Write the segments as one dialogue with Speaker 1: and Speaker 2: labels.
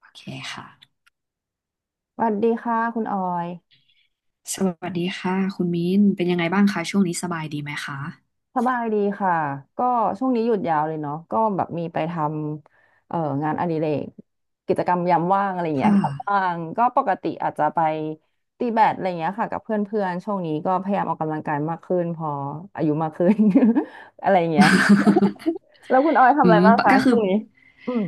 Speaker 1: โอเคค่ะ
Speaker 2: สวัสดีค่ะคุณออย
Speaker 1: สวัสดีค่ะคุณมิ้นเป็นยังไงบ้างคะช่วงนี้สบายดีไหมคะ
Speaker 2: สบายดีค่ะก็ช่วงนี้หยุดยาวเลยเนาะก็แบบมีไปทำงานอดิเรกกิจกรรมยามว่างอะไรอย่างเงี้ย
Speaker 1: ค่ะ
Speaker 2: ครับบ้างก็ปกติอาจจะไปตีแบดอะไรอย่างเงี้ยค่ะกับเพื่อนๆช่วงนี้ก็พยายามออกกำลังกายมากขึ้นพออายุมากขึ้น อะไรอย่างเงี้ย แล้วคุณออยทำ
Speaker 1: อื
Speaker 2: อะไร
Speaker 1: ม
Speaker 2: บ้าง
Speaker 1: ปะ
Speaker 2: คะ
Speaker 1: ก็คื
Speaker 2: ช่
Speaker 1: อ
Speaker 2: วงนี้อืม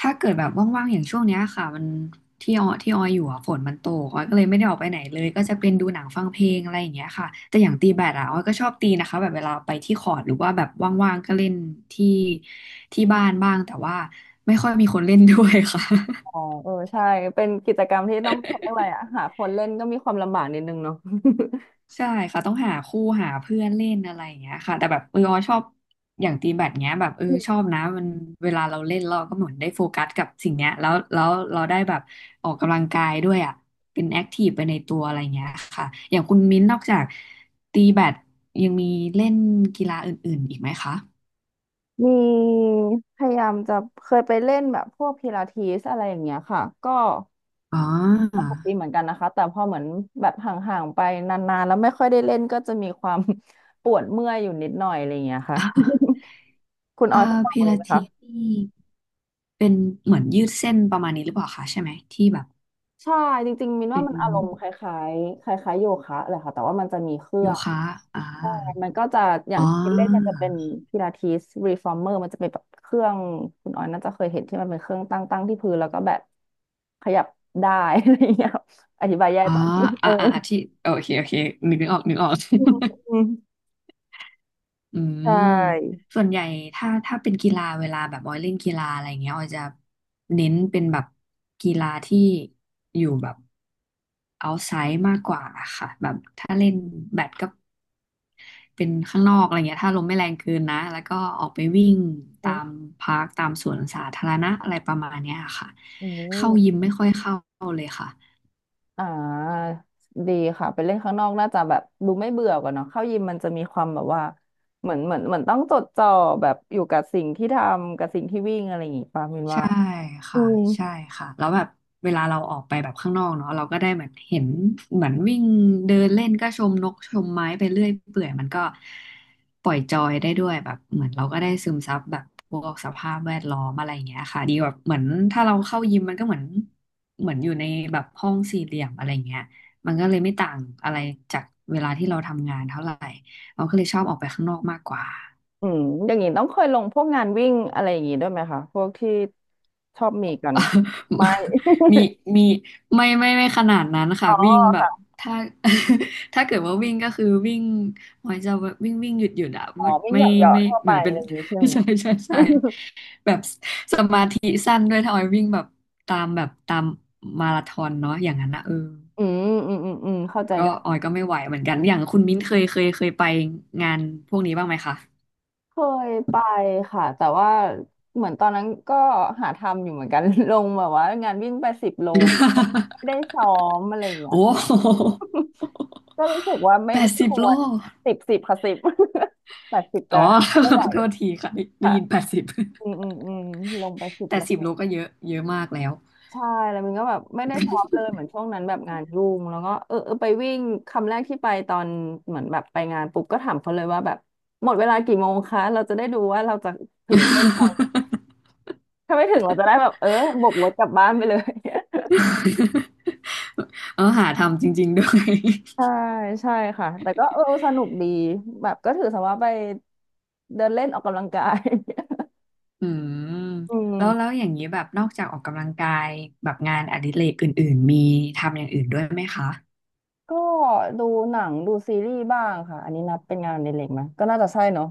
Speaker 1: ถ้าเกิดแบบว่างๆอย่างช่วงเนี้ยค่ะมันที่ออยอยู่อ่ะฝนมันตกออยก็เลยไม่ได้ออกไปไหนเลยก็จะเป็นดูหนังฟังเพลงอะไรอย่างเงี้ยค่ะแต่อย่างตีแบดอ่ะออยก็ชอบตีนะคะแบบเวลาไปที่คอร์ตหรือว่าแบบว่างๆก็เล่นที่ที่บ้านบ้างแต่ว่าไม่ค่อยมีคนเล่นด้วยค่ะ
Speaker 2: อ๋อเออใช่เป็นกิจกรรมที่ต้องเขาเรียกอะไรอะหาคนเล่นก็มีความลำบากนิดนึงเนาะ
Speaker 1: ใช่ค่ะต้องหาคู่หาเพื่อนเล่นอะไรอย่างเงี้ยค่ะแต่แบบเออออชอบอย่างตีแบดเงี้ยแบบเออ ชอบนะมันเวลาเราเล่นเราก็เหมือนได้โฟกัสกับสิ่งเนี้ยแล้วเราได้แบบออกกำลังกายด้วยอ่ะเป็นแอคทีฟไปในตัวอะไรเงี้ยค่ะอย่างคุณมิ้นท์นอกจากตีแบดยังมีเล่นกีฬาอื่นๆอีกไหมคะ
Speaker 2: มีพยายามจะเคยไปเล่นแบบพวกพิลาทิสอะไรอย่างเงี้ยค่ะก็
Speaker 1: อ๋อ
Speaker 2: สนุกดีเหมือนกันนะคะแต่พอเหมือนแบบห่างๆไปนานๆแล้วไม่ค่อยได้เล่นก็จะมีความ ปวดเมื่อยอยู่นิดหน่อยอะไรอย่างเงี้ยค่ะ คุณอ
Speaker 1: เอ่า
Speaker 2: อยเคยลอง
Speaker 1: พิ
Speaker 2: เลย
Speaker 1: ลา
Speaker 2: ไหม
Speaker 1: ทิส
Speaker 2: คะ
Speaker 1: นี่เป็นเหมือนยืดเส้นประมาณนี้หรือเปล่าคะใช่ไหมที่แบบ
Speaker 2: ใช่จริงๆมิน
Speaker 1: เป็
Speaker 2: ว่า
Speaker 1: น
Speaker 2: มันอารมณ์คล้ายๆคล้ายๆโยคะเลยค่ะแต่ว่ามันจะมีเครื่
Speaker 1: โย
Speaker 2: อง
Speaker 1: คะอ่า
Speaker 2: มันก็จะอย่า
Speaker 1: อ๋
Speaker 2: ง
Speaker 1: อ
Speaker 2: ที่เล่นมันจะเป็นพิลาทิสรีฟอร์เมอร์มันจะเป็นแบบเครื่องคุณออยน่าจะเคยเห็นที่มันเป็นเครื่องตั้งที่พื้นแล้วก็แบบขยับได้ อะไรอย่างเงี้ยครับอธิบายแย่
Speaker 1: อ๋อ
Speaker 2: แต่เออ
Speaker 1: ที่โอเคโอเคนึกนึกออกนึกออก
Speaker 2: อืม
Speaker 1: อื
Speaker 2: ใช
Speaker 1: ม
Speaker 2: ่
Speaker 1: ส่วนใหญ่ถ้าเป็นกีฬาเวลาแบบออยเล่นกีฬาอะไรเงี้ยออยจะเน้นเป็นแบบกีฬาที่อยู่แบบ outside มากกว่าค่ะแบบถ้าเล่นแบดก็เป็นข้างนอกอะไรเงี้ยถ้าลมไม่แรงเกินนะ แล้วก็ออกไปวิ่ง
Speaker 2: อื
Speaker 1: ตาม
Speaker 2: ม
Speaker 1: พาร์คตามสวนสาธารณะอะไรประมาณเนี้ยค่ะ
Speaker 2: อื
Speaker 1: เข้ายิ
Speaker 2: ม
Speaker 1: มไม่ค่อยเข้าเลยค่ะ
Speaker 2: อ่าดีค่ะไปเล่นข้างนอกน่าจะแบบดูไม่เบื่อกันเนาะเข้ายิมมันจะมีความแบบว่าเหมือนต้องจดจ่อแบบอยู่กับสิ่งที่ทำกับสิ่งที่วิ่งอะไรอย่างงี้ป่ะมินว่า
Speaker 1: ใช่
Speaker 2: อื
Speaker 1: ค่ะ
Speaker 2: ม
Speaker 1: ใช่ค่ะแล้วแบบเวลาเราออกไปแบบข้างนอกเนาะเราก็ได้เหมือนเห็นเหมือนวิ่งเดินเล่นก็ชมนกชมไม้ไปเรื่อยเปื่อยมันก็ปล่อยจอยได้ด้วยแบบเหมือนเราก็ได้ซึมซับแบบพวกสภาพแวดล้อมอะไรอย่างเงี้ยค่ะดีแบบเหมือนถ้าเราเข้ายิมมันก็เหมือนอยู่ในแบบห้องสี่เหลี่ยมอะไรอย่างเงี้ยมันก็เลยไม่ต่างอะไรจากเวลาที่เราทำงานเท่าไหร่เราก็เลยชอบออกไปข้างนอกมากกว่า
Speaker 2: อืมอย่างนี้ต้องเคยลงพวกงานวิ่งอะไรอย่างนี้ด้วยไหมคะพวกที่ชอบมีกัน ไม่
Speaker 1: มีมีไม่ขนาดนั้น
Speaker 2: อ๋
Speaker 1: ค่ะ
Speaker 2: อ
Speaker 1: วิ่งแบบ
Speaker 2: ค่ะ
Speaker 1: ถ้า ถ้าเกิดว่าวิ่งก็คือวิ่งหมายจะวิ่งวิ่งหยุดหยุดอะ
Speaker 2: อ๋
Speaker 1: ไ
Speaker 2: อวิ่ง
Speaker 1: ม่
Speaker 2: เหยาะ
Speaker 1: ไม่
Speaker 2: ๆทั่ว
Speaker 1: เห
Speaker 2: ไป
Speaker 1: มือน
Speaker 2: อะ
Speaker 1: เป็น
Speaker 2: ไรอย่างนี้ใช่ไหม
Speaker 1: ใช่ใช่ใช่ แบบสมาธิสั้นด้วยถ้าออยวิ่งแบบตามมาราธอนเนาะอย่างนั้นนะเออ
Speaker 2: อืมอืมอืมอืมเข้าใจ
Speaker 1: ก็
Speaker 2: ได้
Speaker 1: ออยก็ไม่ไหวเหมือนกันอย่างคุณมิ้นเคยไปงานพวกนี้บ้างไหมคะ
Speaker 2: เคยไปค่ะแต่ว่าเหมือนตอนนั้นก็หาทำอยู่เหมือนกัน ลงแบบว่างานวิ่งไปสิบโลไม่ได้ ซ้อมอะไรอย่างเงี้ย
Speaker 1: โอ้
Speaker 2: ก็รู้สึกว่าไม่
Speaker 1: แปด
Speaker 2: ไม่
Speaker 1: สิ
Speaker 2: ค
Speaker 1: บโล
Speaker 2: วรสิบสิบค่ะสิบ แปดสิบ
Speaker 1: อ๋
Speaker 2: แต่
Speaker 1: อ
Speaker 2: ไม่ไหว
Speaker 1: โทษทีค่ะได้ได้
Speaker 2: ค่ะ
Speaker 1: ยินแปดสิบ
Speaker 2: อืมอืมอืมลงไปสิ บ
Speaker 1: แต่
Speaker 2: โล
Speaker 1: สิบโลก็เยอะเยอะมากแล้ว
Speaker 2: ใช่แล้วมันก็แบบไม่ได้ท็อปเลยเหมือนช่วงนั้นแบบงานยุ่งแล้วก็เออเออไปวิ่งคำแรกที่ไปตอนเหมือนแบบไปงานปุ๊บก็ถามเขาเลยว่าแบบหมดเวลากี่โมงคะเราจะได้ดูว่าเราจะถึงเส้นชัย ถ้าไม่ถึงเราจะได้แบบเออบวกรถกลับบ้านไปเลย
Speaker 1: เออ หาทำจริงๆด้วย
Speaker 2: ใช่ใช่ค่ะแต่ก็เออสนุกดีแบบก็ถือซะว่าไปเดินเล่นออกกำลังกาย
Speaker 1: อืม
Speaker 2: อื
Speaker 1: แล้วแล้
Speaker 2: ม
Speaker 1: ว อย่างนี้ แบบ นอกจากออกกำลังกาย แบบงานอดิเรกอื่นๆ มีทำอย่างอื่นด้วยไหมคะ
Speaker 2: ก็ดูหนังดูซีรีส์บ้างค่ะอันนี้นับเป็นงานในเล็กไหมก็น่าจะใช่เนาะ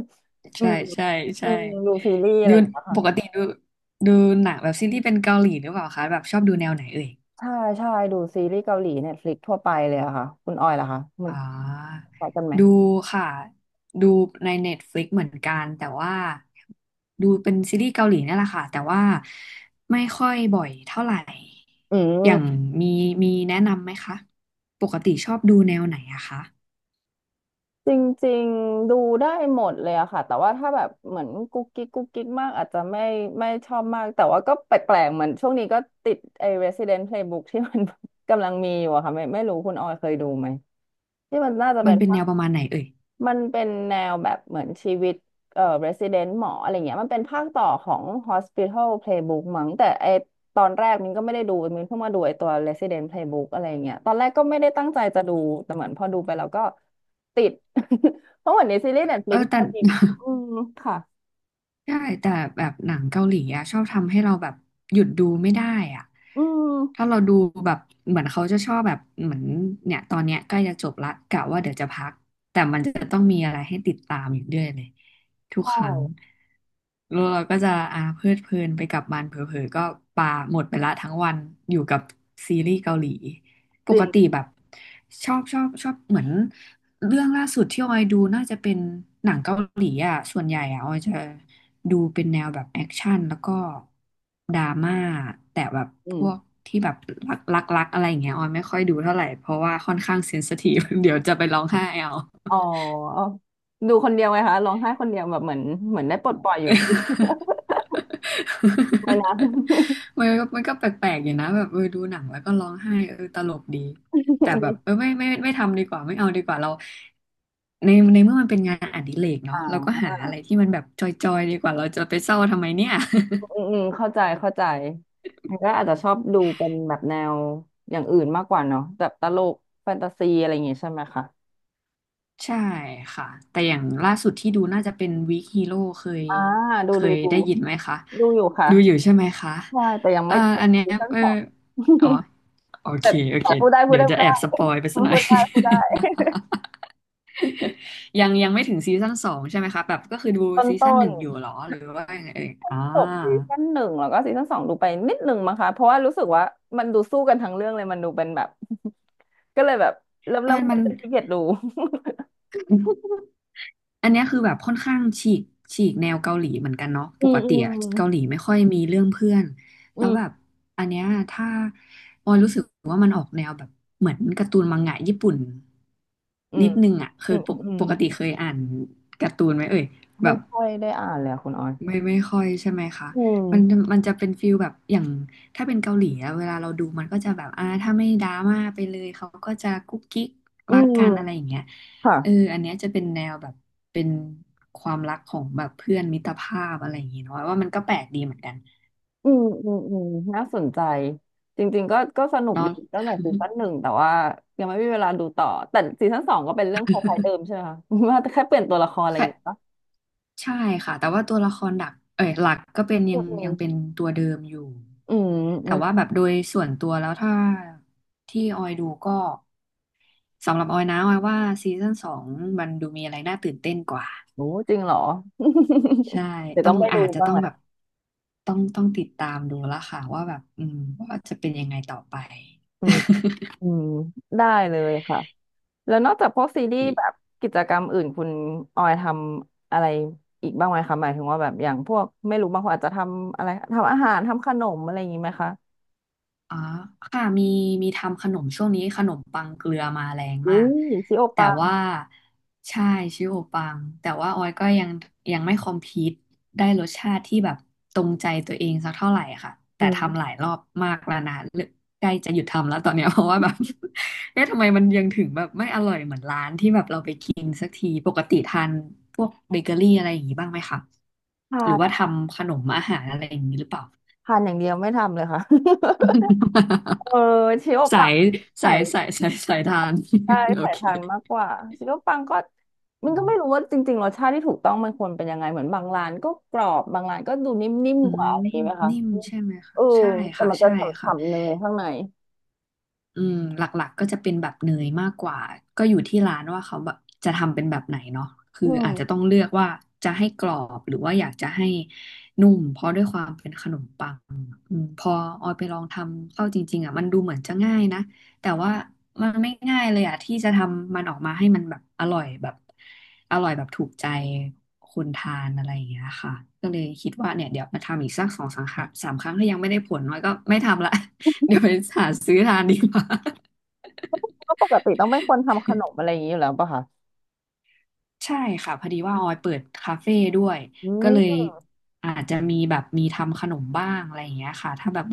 Speaker 2: อื
Speaker 1: ใช่
Speaker 2: ม
Speaker 1: ใช่
Speaker 2: อื
Speaker 1: ใช่
Speaker 2: มดูซีรีส์อะ
Speaker 1: ดู
Speaker 2: ไรอย่างเงี้ยค่ะ
Speaker 1: ปกติดูหนังแบบซีรีส์เป็นเกาหลีหรือเปล่าคะแบบชอบดูแนวไหนเอ่ย
Speaker 2: ใช่ใช่ดูซีรีส์เกาหลีเน็ตฟลิกทั่วไปเลยอะค่ะคุณออยล่ะคะมัน
Speaker 1: อ่า
Speaker 2: คล้ายกันไหม
Speaker 1: ดูค่ะ ดูใน Netflix เหมือนกันแต่ว่าดูเป็นซีรีส์เกาหลีนั่นแหละค่ะแต่ว่าไม่ค่อยบ่อยเท่าไหร่
Speaker 2: อื
Speaker 1: อย่าง
Speaker 2: ม
Speaker 1: มีมีแนะนำไหมคะ ปกติชอบดูแนวไหนอะคะ
Speaker 2: จริงๆดูได้หมดเลยอะค่ะแต่ว่าถ้าแบบเหมือนกุ๊กกิ๊กกุ๊กกิ๊กมากอาจจะไม่ไม่ชอบมากแต่ว่าก็แปลกๆเหมือนช่วงนี้ก็ติดไอ้ Resident Playbook ที่มัน กำลังมีอยู่อะค่ะไม่ไม่รู้คุณออยเคยดูไหมที่มันน่าจะ
Speaker 1: มั
Speaker 2: เป็
Speaker 1: น
Speaker 2: น
Speaker 1: เป็นแนวประมาณไหนเอ่ย
Speaker 2: มันเป็นแนวแบบเหมือนชีวิตresident หมออะไรเงี้ยมันเป็นภาคต่อของ Hospital Playbook มั้งแต่ไอตอนแรกมินก็ไม่ได้ดูมินเพิ่งมาดูไอตัว Resident Playbook อะไรเงี้ยตอนแรกก็ไม่ได้ตั้งใจจะดูแต่เหมือนพอดูไปแล้วก็ติด เพราะเหมือนในซีรีส์
Speaker 1: เออ
Speaker 2: Netflix
Speaker 1: แต่
Speaker 2: มัน มีอืมค่ะ
Speaker 1: ใช่แต่แบบหนังเกาหลีอะชอบทำให้เราแบบหยุดดูไม่ได้อะ
Speaker 2: อื
Speaker 1: ถ้า
Speaker 2: ม
Speaker 1: เราดูแบบเหมือนเขาจะชอบแบบเหมือนเนี่ยตอนเนี้ยใกล้จะจบละกะว่าเดี๋ยวจะพักแต่มันจะต้องมีอะไรให้ติดตามอยู่เรื่อยเลยทุ
Speaker 2: ใช
Speaker 1: กครั้ง
Speaker 2: ่
Speaker 1: แล้วเราก็จะอ่าเพลิดเพลินไปกับมันเผลอๆก็ปาหมดไปละทั้งวันอยู่กับซีรีส์เกาหลีป
Speaker 2: จริ
Speaker 1: กติ
Speaker 2: ง
Speaker 1: แบบชอบเหมือนเรื่องล่าสุดที่ออยดูน่าจะเป็นหนังเกาหลีอ่ะส่วนใหญ่อ่ะออยจะดูเป็นแนวแบบแอคชั่นแล้วก็ดราม่าแต่แบบ
Speaker 2: อื
Speaker 1: พ
Speaker 2: ม
Speaker 1: วกที่แบบรักอะไรอย่างเงี้ยออยไม่ค่อยดูเท่าไหร่เพราะว่าค่อนข้างเซนซิทีฟ เดี๋ยวจะไปร้องไห้เอา
Speaker 2: อ๋อดูคนเดียวไงคะร้องไห้คนเดียวแบบเหมือนเหมือนได้ปลดปล่อยอยู่นะ ไม่นะ
Speaker 1: มันก็แปลกๆอยู่นะแบบเออดูหนังแล้วก็ร้องไห้เออตลกดีแต่แบบเออไม่ทำดีกว่าไม่เอาดีกว่าเราในเมื่อมันเป็นงานอดิเรก
Speaker 2: อ่
Speaker 1: เนาะเราก็หาอะไร
Speaker 2: า
Speaker 1: ที่มันแบบจอยๆดีกว่าเราจะไปเศร้าทำไมเนี่ย
Speaker 2: อืมอืมเข้าใจเข้าใจมันก็อาจจะชอบดูเป็นแบบแนวอย่างอื่นมากกว่าเนาะแบบตลกแฟนตาซีอะไรอย่างงี้ใช่ไหมคะ
Speaker 1: ใช่ค่ะแต่อย่างล่าสุดที่ดูน่าจะเป็นวีคฮีโร่เคย
Speaker 2: อ่าดู
Speaker 1: เค
Speaker 2: ดู
Speaker 1: ย
Speaker 2: ดู
Speaker 1: ได้ยินไหมคะ
Speaker 2: ดูอยู่ค่ะ
Speaker 1: ดูอยู่ใช่ไหมคะ
Speaker 2: ใช่แต่ยัง
Speaker 1: เอ่
Speaker 2: ไม่
Speaker 1: อ
Speaker 2: จ
Speaker 1: อัน
Speaker 2: บ
Speaker 1: เนี้ย
Speaker 2: ซีซั่น
Speaker 1: เออ
Speaker 2: สอง
Speaker 1: อ๋อโอ
Speaker 2: แต่
Speaker 1: เคโอเค
Speaker 2: แต่พูดได้พูด
Speaker 1: เดี๋ยว
Speaker 2: ได้
Speaker 1: จะ
Speaker 2: พูด
Speaker 1: แอ
Speaker 2: ได้
Speaker 1: บสปอยไปสักหน่อ
Speaker 2: พู
Speaker 1: ย
Speaker 2: ดได้พูดได้
Speaker 1: ยังไม่ถึงซีซั่นสองใช่ไหมคะแบบก็คือดู
Speaker 2: ต้น
Speaker 1: ซีซั่น
Speaker 2: ต้
Speaker 1: ห
Speaker 2: น
Speaker 1: นึ่งอยู่เหรอหรือว่ายังไงเอ่ย
Speaker 2: จบซีซั่นหนึ่งแล้วก็ซีซั่นสองดูไปนิดหนึ่งมั้งคะเพราะว่ารู้สึกว่ามันดูสู้กันทั้งเรื่องเลยมันดูเป็นแบบก็เลยแบบเริ่ม
Speaker 1: เออ
Speaker 2: เริ่มเห
Speaker 1: มั
Speaker 2: มือ
Speaker 1: น
Speaker 2: นจะขี้เกียจดู
Speaker 1: อันเนี้ยคือแบบค่อนข้างฉีกแนวเกาหลีเหมือนกันเนาะ
Speaker 2: อื
Speaker 1: ป
Speaker 2: ม
Speaker 1: ก
Speaker 2: อื
Speaker 1: ติ
Speaker 2: ม
Speaker 1: อะเกาหลีไม่ค่อยมีเรื่องเพื่อน
Speaker 2: อื
Speaker 1: แล้วแบบ
Speaker 2: ม
Speaker 1: อันเนี้ยถ้าออยรู้สึกว่ามันออกแนวแบบเหมือนการ์ตูนมังงะญี่ปุ่น
Speaker 2: อื
Speaker 1: นิ
Speaker 2: ม
Speaker 1: ดนึงอะเค
Speaker 2: อื
Speaker 1: ย
Speaker 2: ม
Speaker 1: ป
Speaker 2: อืม
Speaker 1: ก
Speaker 2: อืม
Speaker 1: ปกติเคยอ่านการ์ตูนไหมเอ่ยแบ
Speaker 2: ไม่
Speaker 1: บ
Speaker 2: ค่อยได้อ่านเลยอะคุณออย
Speaker 1: ไม่ค่อยใช่ไหมคะ
Speaker 2: อื
Speaker 1: มัน
Speaker 2: ม
Speaker 1: มันจะเป็นฟิลแบบอย่างถ้าเป็นเกาหลีอะเวลาเราดูมันก็จะแบบถ้าไม่ดราม่าไปเลยเขาก็จะกุ๊กกิ๊ก
Speaker 2: อื
Speaker 1: รักกันอะไร
Speaker 2: ม
Speaker 1: อย่างเงี้ยเออ
Speaker 2: ค่ะ
Speaker 1: อันเนี้ยจะเป็นแนวแบบเป็นความรักของแบบเพื่อนมิตรภาพอะไรอย่างงี้เนาะว่ามันก็แปลกดีเหมือนกัน
Speaker 2: อืมอืมอืมน่าสนใจ จริงๆ ก็ก็สนุก
Speaker 1: เนาะ
Speaker 2: ดีตั้งแต่ซีซั่นหนึ่งแต่ว่ายังไม่มีเวลาดูต่อ แต่ซีซั่นสองก็เป็นเรื่องคล้ายๆเดิมใช่ไหมคะ ว่าแค่เปลี่ยนตัวละครอะไรอย่างเงี้ย ปะ
Speaker 1: ใช่ค่ะแต่ว่าตัวละครหลักเอ้ยหลักก็เป็น
Speaker 2: อื
Speaker 1: ยังเป็น
Speaker 2: ม
Speaker 1: ตัวเดิมอยู่
Speaker 2: อืมอื
Speaker 1: แต่
Speaker 2: ม
Speaker 1: ว่าแบบโดยส่วนตัวแล้วถ้าที่ออยดูก็สำหรับออยนะออยว่าซีซั่นสองมันดูมีอะไรน่าตื่นเต้นกว่า
Speaker 2: โอ้จริงเหรอ
Speaker 1: ใช่
Speaker 2: เดี๋ยว
Speaker 1: ต้อ
Speaker 2: ต้อง
Speaker 1: ง
Speaker 2: ไปดู
Speaker 1: อาจจะ
Speaker 2: บ้าง
Speaker 1: ต้อง
Speaker 2: แห
Speaker 1: แบบ
Speaker 2: ละ
Speaker 1: ต้องติดตามดูแล้วค่ะว่าแบบว่าจะเป็นยังไงต่อไป
Speaker 2: อืมอืมได้เลยค่ะ แล้วนอกจากพวกซีรีส์แบบกิจกรรมอื่นคุณออยทำอะไรอีกบ้างไหมคะหมายถึงว่าแบบอย่างพวกไม่รู้บางคนอาจจะทำอะไรทำอาหารทำขนมอะไรอย่างนี้ไหมคะ
Speaker 1: อ๋อค่ะมีทำขนมช่วงนี้ขนมปังเกลือมาแรง
Speaker 2: อุ้
Speaker 1: มา
Speaker 2: ย
Speaker 1: ก
Speaker 2: ชิโอ
Speaker 1: แต่
Speaker 2: ปัง
Speaker 1: ว่าใช่ชิโอปังแต่ว่าออยก็ยังไม่คอมพีตได้รสชาติที่แบบตรงใจตัวเองสักเท่าไหร่ค่ะ
Speaker 2: อื
Speaker 1: แต่ทำห
Speaker 2: ม
Speaker 1: ลายรอบมากแล้วนะเลิกใกล้จะหยุดทำแล้วตอนเนี้ย เพราะว่าแบบ เอ๊ะทำไมมันยังถึงแบบไม่อร่อยเหมือนร้านที่แบบเราไปกินสักทีปกติทานพวกเบเกอรี่อะไรอย่างนี้บ้างไหมคะ
Speaker 2: ทา
Speaker 1: หรือว่า
Speaker 2: น
Speaker 1: ทำขนมอาหารอะไรอย่างนี้หรือเปล่า
Speaker 2: ทานอย่างเดียวไม่ทำเลยค่ะ เออ ชิโอปั
Speaker 1: สา
Speaker 2: ง
Speaker 1: ย
Speaker 2: ใส่
Speaker 1: สายสายทาน
Speaker 2: ใช่
Speaker 1: โอ
Speaker 2: ใส่
Speaker 1: เค
Speaker 2: ทานมากกว่าชิโอปังก็มัน
Speaker 1: อื
Speaker 2: ก็
Speaker 1: ม
Speaker 2: ไม่รู้ว่าจริงๆรสชาติที่ถูกต้องมันควรเป็นยังไงเหมือนบางร้านก็กรอบบางร้านก็ดูนิ่ม
Speaker 1: อื
Speaker 2: ๆกว่าอะ
Speaker 1: ม
Speaker 2: ไรอย่างนี้ไหมคะ
Speaker 1: นิ่มใช่ไหม
Speaker 2: เอ
Speaker 1: คะ
Speaker 2: อ
Speaker 1: ใช่
Speaker 2: แต่
Speaker 1: ค่ะ
Speaker 2: มันจะ
Speaker 1: ใช่ค่ะ
Speaker 2: ฉ่ำๆเนยข้างใน
Speaker 1: อืมหลักๆก็จะเป็นแบบเนยมากกว่าก็อยู่ที่ร้านว่าเขาแบบจะทำเป็นแบบไหนเนาะคือ
Speaker 2: อื
Speaker 1: อาจจะ
Speaker 2: ม
Speaker 1: ต้องเลือกว่าจะให้กรอบหรือว่าอยากจะให้นุ่มเพราะด้วยความเป็นขนมปังอืมพอออยไปลองทำเข้าจริงๆอ่ะมันดูเหมือนจะง่ายนะแต่ว่ามันไม่ง่ายเลยอ่ะที่จะทำมันออกมาให้มันแบบอร่อยแบบอร่อยแบบถูกใจคนทานอะไรอย่างเงี้ยค่ะก็เลยคิดว่าเนี่ยเดี๋ยวมาทำอีกสักสองสามครั้งถ้ายังไม่ได้ผลน้อยก็ไม่ทำละ เดี๋ยวไปหาซื้อทานดีกว่า
Speaker 2: ก็ปกติต้องเป็นคนทำขนมอะไรอย่างนี้อยู่แล้วป่ะคะ
Speaker 1: ใช่ค่ะพอดีว่าออยเปิดคาเฟ่ด้วย
Speaker 2: อื
Speaker 1: ก็เลย
Speaker 2: ม
Speaker 1: อาจจะมีแบบมีทำขนมบ้างอะไรอย่างเงี้ยค่ะ ถ้าแบบ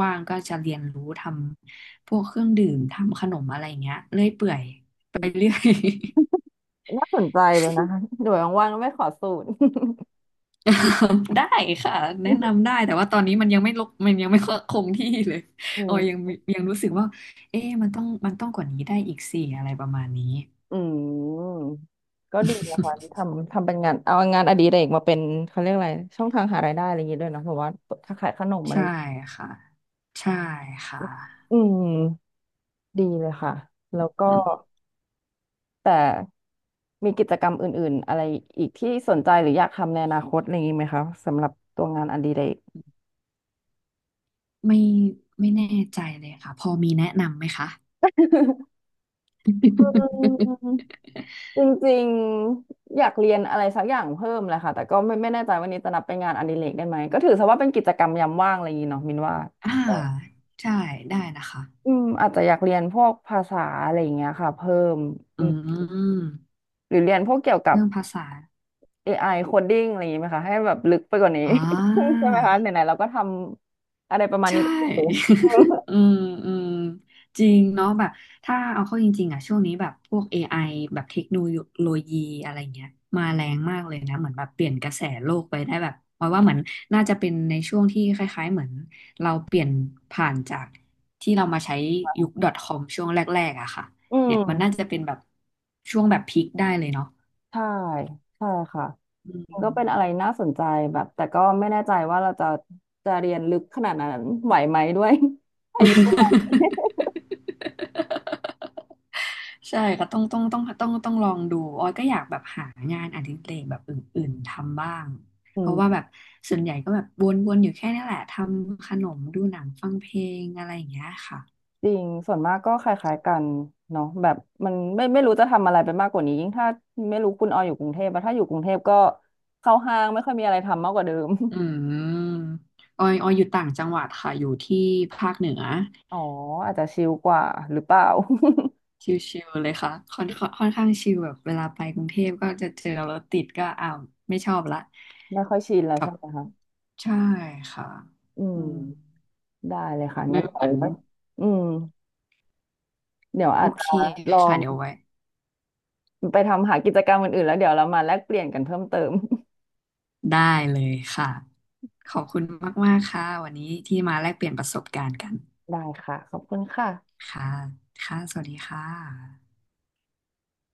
Speaker 1: ว่างๆก็จะเรียนรู้ทำพวกเครื่องดื่มทำขนมอะไรอย่างเงี้ยเรื่อยเปื่อยไปเรื่อย
Speaker 2: น่าสนใจเลยนะ คะเดี๋ยวว่างๆไม่ขอสูตร
Speaker 1: ได้ค่ะแนะนำได้ แต่ว่าตอนนี้มันยังไม่ลกมันยังไม่คงที่เลย
Speaker 2: อื
Speaker 1: ออยยั
Speaker 2: ม
Speaker 1: งยังรู้สึกว่าเอ๊ะมันต้องต้องกว่านี้ได้อีกสี่อะไรประมาณนี้
Speaker 2: อืมก็ดีนะคะทำทำเป็นงานเอางานอดิเรกมาเป็นเขาเรียกอะไรช่องทางหารายได้อะไรอย่างนี้ด้วยเนาะแบบว่าถ้าขายขนมอะไร
Speaker 1: ใช่ค่ะใช่ค่ะ
Speaker 2: อืมดีเลยค่ะแล้วก็แต่มีกิจกรรมอื่นๆอะไรอีกที่สนใจหรืออยากทำในอนาคตอะไรอย่างนี้ไหมคะสำหรับตัวงานอดิเรก
Speaker 1: ไม่ไม่แน่ใจเลยค่ะพอมีแนะนำไหมคะ
Speaker 2: อืม จริงๆอยากเรียนอะไรสักอย่างเพิ่มแหละค่ะแต่ก็ไม่แน่ใจวันนี้จะนับเป็นงานอดิเรกได้ไหมก็ถือซะว่าเป็นกิจกรรมยามว่างอะไรอย่างงี้เนาะมินว่า
Speaker 1: อ่าใช่ได้นะคะ
Speaker 2: อืมอาจจะอยากเรียนพวกภาษาอะไรอย่างเงี้ยค่ะเพิ่มอื
Speaker 1: อื
Speaker 2: ม
Speaker 1: ม
Speaker 2: หรือเรียนพวกเกี่ยวกับ
Speaker 1: เรื่องภาษา
Speaker 2: AI coding อะไรอย่างงี้ไหมคะให้แบบลึกไปกว่านี้
Speaker 1: อ่ า
Speaker 2: ใช่ไหมคะไหนๆเราก็ทำอะไรประมาณ
Speaker 1: ใช่
Speaker 2: นี้ก็อยู่
Speaker 1: อืมอืมจริงเนาะแบบถ้าเอาเข้าจริงๆอ่ะช่วงนี้แบบพวก AI แบบเทคโนโลยีอะไรเงี้ยมาแรงมากเลยนะเหมือนแบบเปลี่ยนกระแสโลกไปได้แบบเพราะว่าเหมือนน่าจะเป็นในช่วงที่คล้ายๆเหมือนเราเปลี่ยนผ่านจากที่เรามาใช้ยุค .com ช่วงแรกๆอะค่ะ
Speaker 2: อื
Speaker 1: เนี่ย
Speaker 2: ม
Speaker 1: มันน่าจะเป็นแบบช่วงแบบพีคได้เลยเนาะ
Speaker 2: ใช่ใช่ค่ะ
Speaker 1: อื
Speaker 2: ริงๆก็
Speaker 1: ม
Speaker 2: เป็นอะไรน่าสนใจแบบแต่ก็ไม่แน่ใจว่าเราจะเรียนลึกขนาดนั้นไหวไหมด้วย อายุประมาณนี้
Speaker 1: ใช่ก็ต้องลองดูออยก็อยากแบบหางานอดิเรกแบบอื่นๆทำบ้าง
Speaker 2: อื
Speaker 1: เพราะว่า
Speaker 2: ม
Speaker 1: แบบส่วนใหญ่ก็แบบวนๆอยู่แค่นี้แหละทำขนมดูหนังฟังเพลงอะไรอย่างเงี้ยค่ะ
Speaker 2: จริงส่วนมากก็คล้ายๆกันเนาะแบบมันไม่รู้จะทำอะไรไปมากกว่านี้ยิ่งถ้าไม่รู้คุณออยอยู่กรุงเทพอะถ้าอยู่กรุงเทพก็เข้าห้างไม่ค่อยมีอะไรทำมากกว่าเดิม
Speaker 1: อืมออยอยู่ต่างจังหวัดค่ะอยู่ที่ภาคเหนือ
Speaker 2: อ๋ออาจจะชิลกว่าหรือเปล่า
Speaker 1: ชิลๆเลยค่ะค่อนข้างชิลแบบเวลาไปกรุงเทพก็จะเจอรถติดก็อ้าวไม่ชอบละ
Speaker 2: ไม่ค่อยชินแล้วใช่ไหมคะ
Speaker 1: ใช่ค่ะ
Speaker 2: อื
Speaker 1: อืม
Speaker 2: มได้เลยค่ะ
Speaker 1: ไม่
Speaker 2: งั้น
Speaker 1: เห
Speaker 2: เอา
Speaker 1: มือน
Speaker 2: ไว้อืมเดี๋ยว
Speaker 1: โอ
Speaker 2: อาจจะ
Speaker 1: เค
Speaker 2: ลอ
Speaker 1: ค่ะ
Speaker 2: ง
Speaker 1: เดี๋ยวไว้
Speaker 2: ไปทำหากิจกรรมอื่นๆแล้วเดี๋ยวเรามาแลกเปลี่ยนกันเพิ่มเติม
Speaker 1: ได้เลยค่ะ ขอบคุณมากๆค่ะวันนี้ที่มาแลกเปลี่ยนประสบการณ์กัน
Speaker 2: ได้ค่ะขอบคุณค่ะ
Speaker 1: ค่ะค่ะสวัสดีค่ะ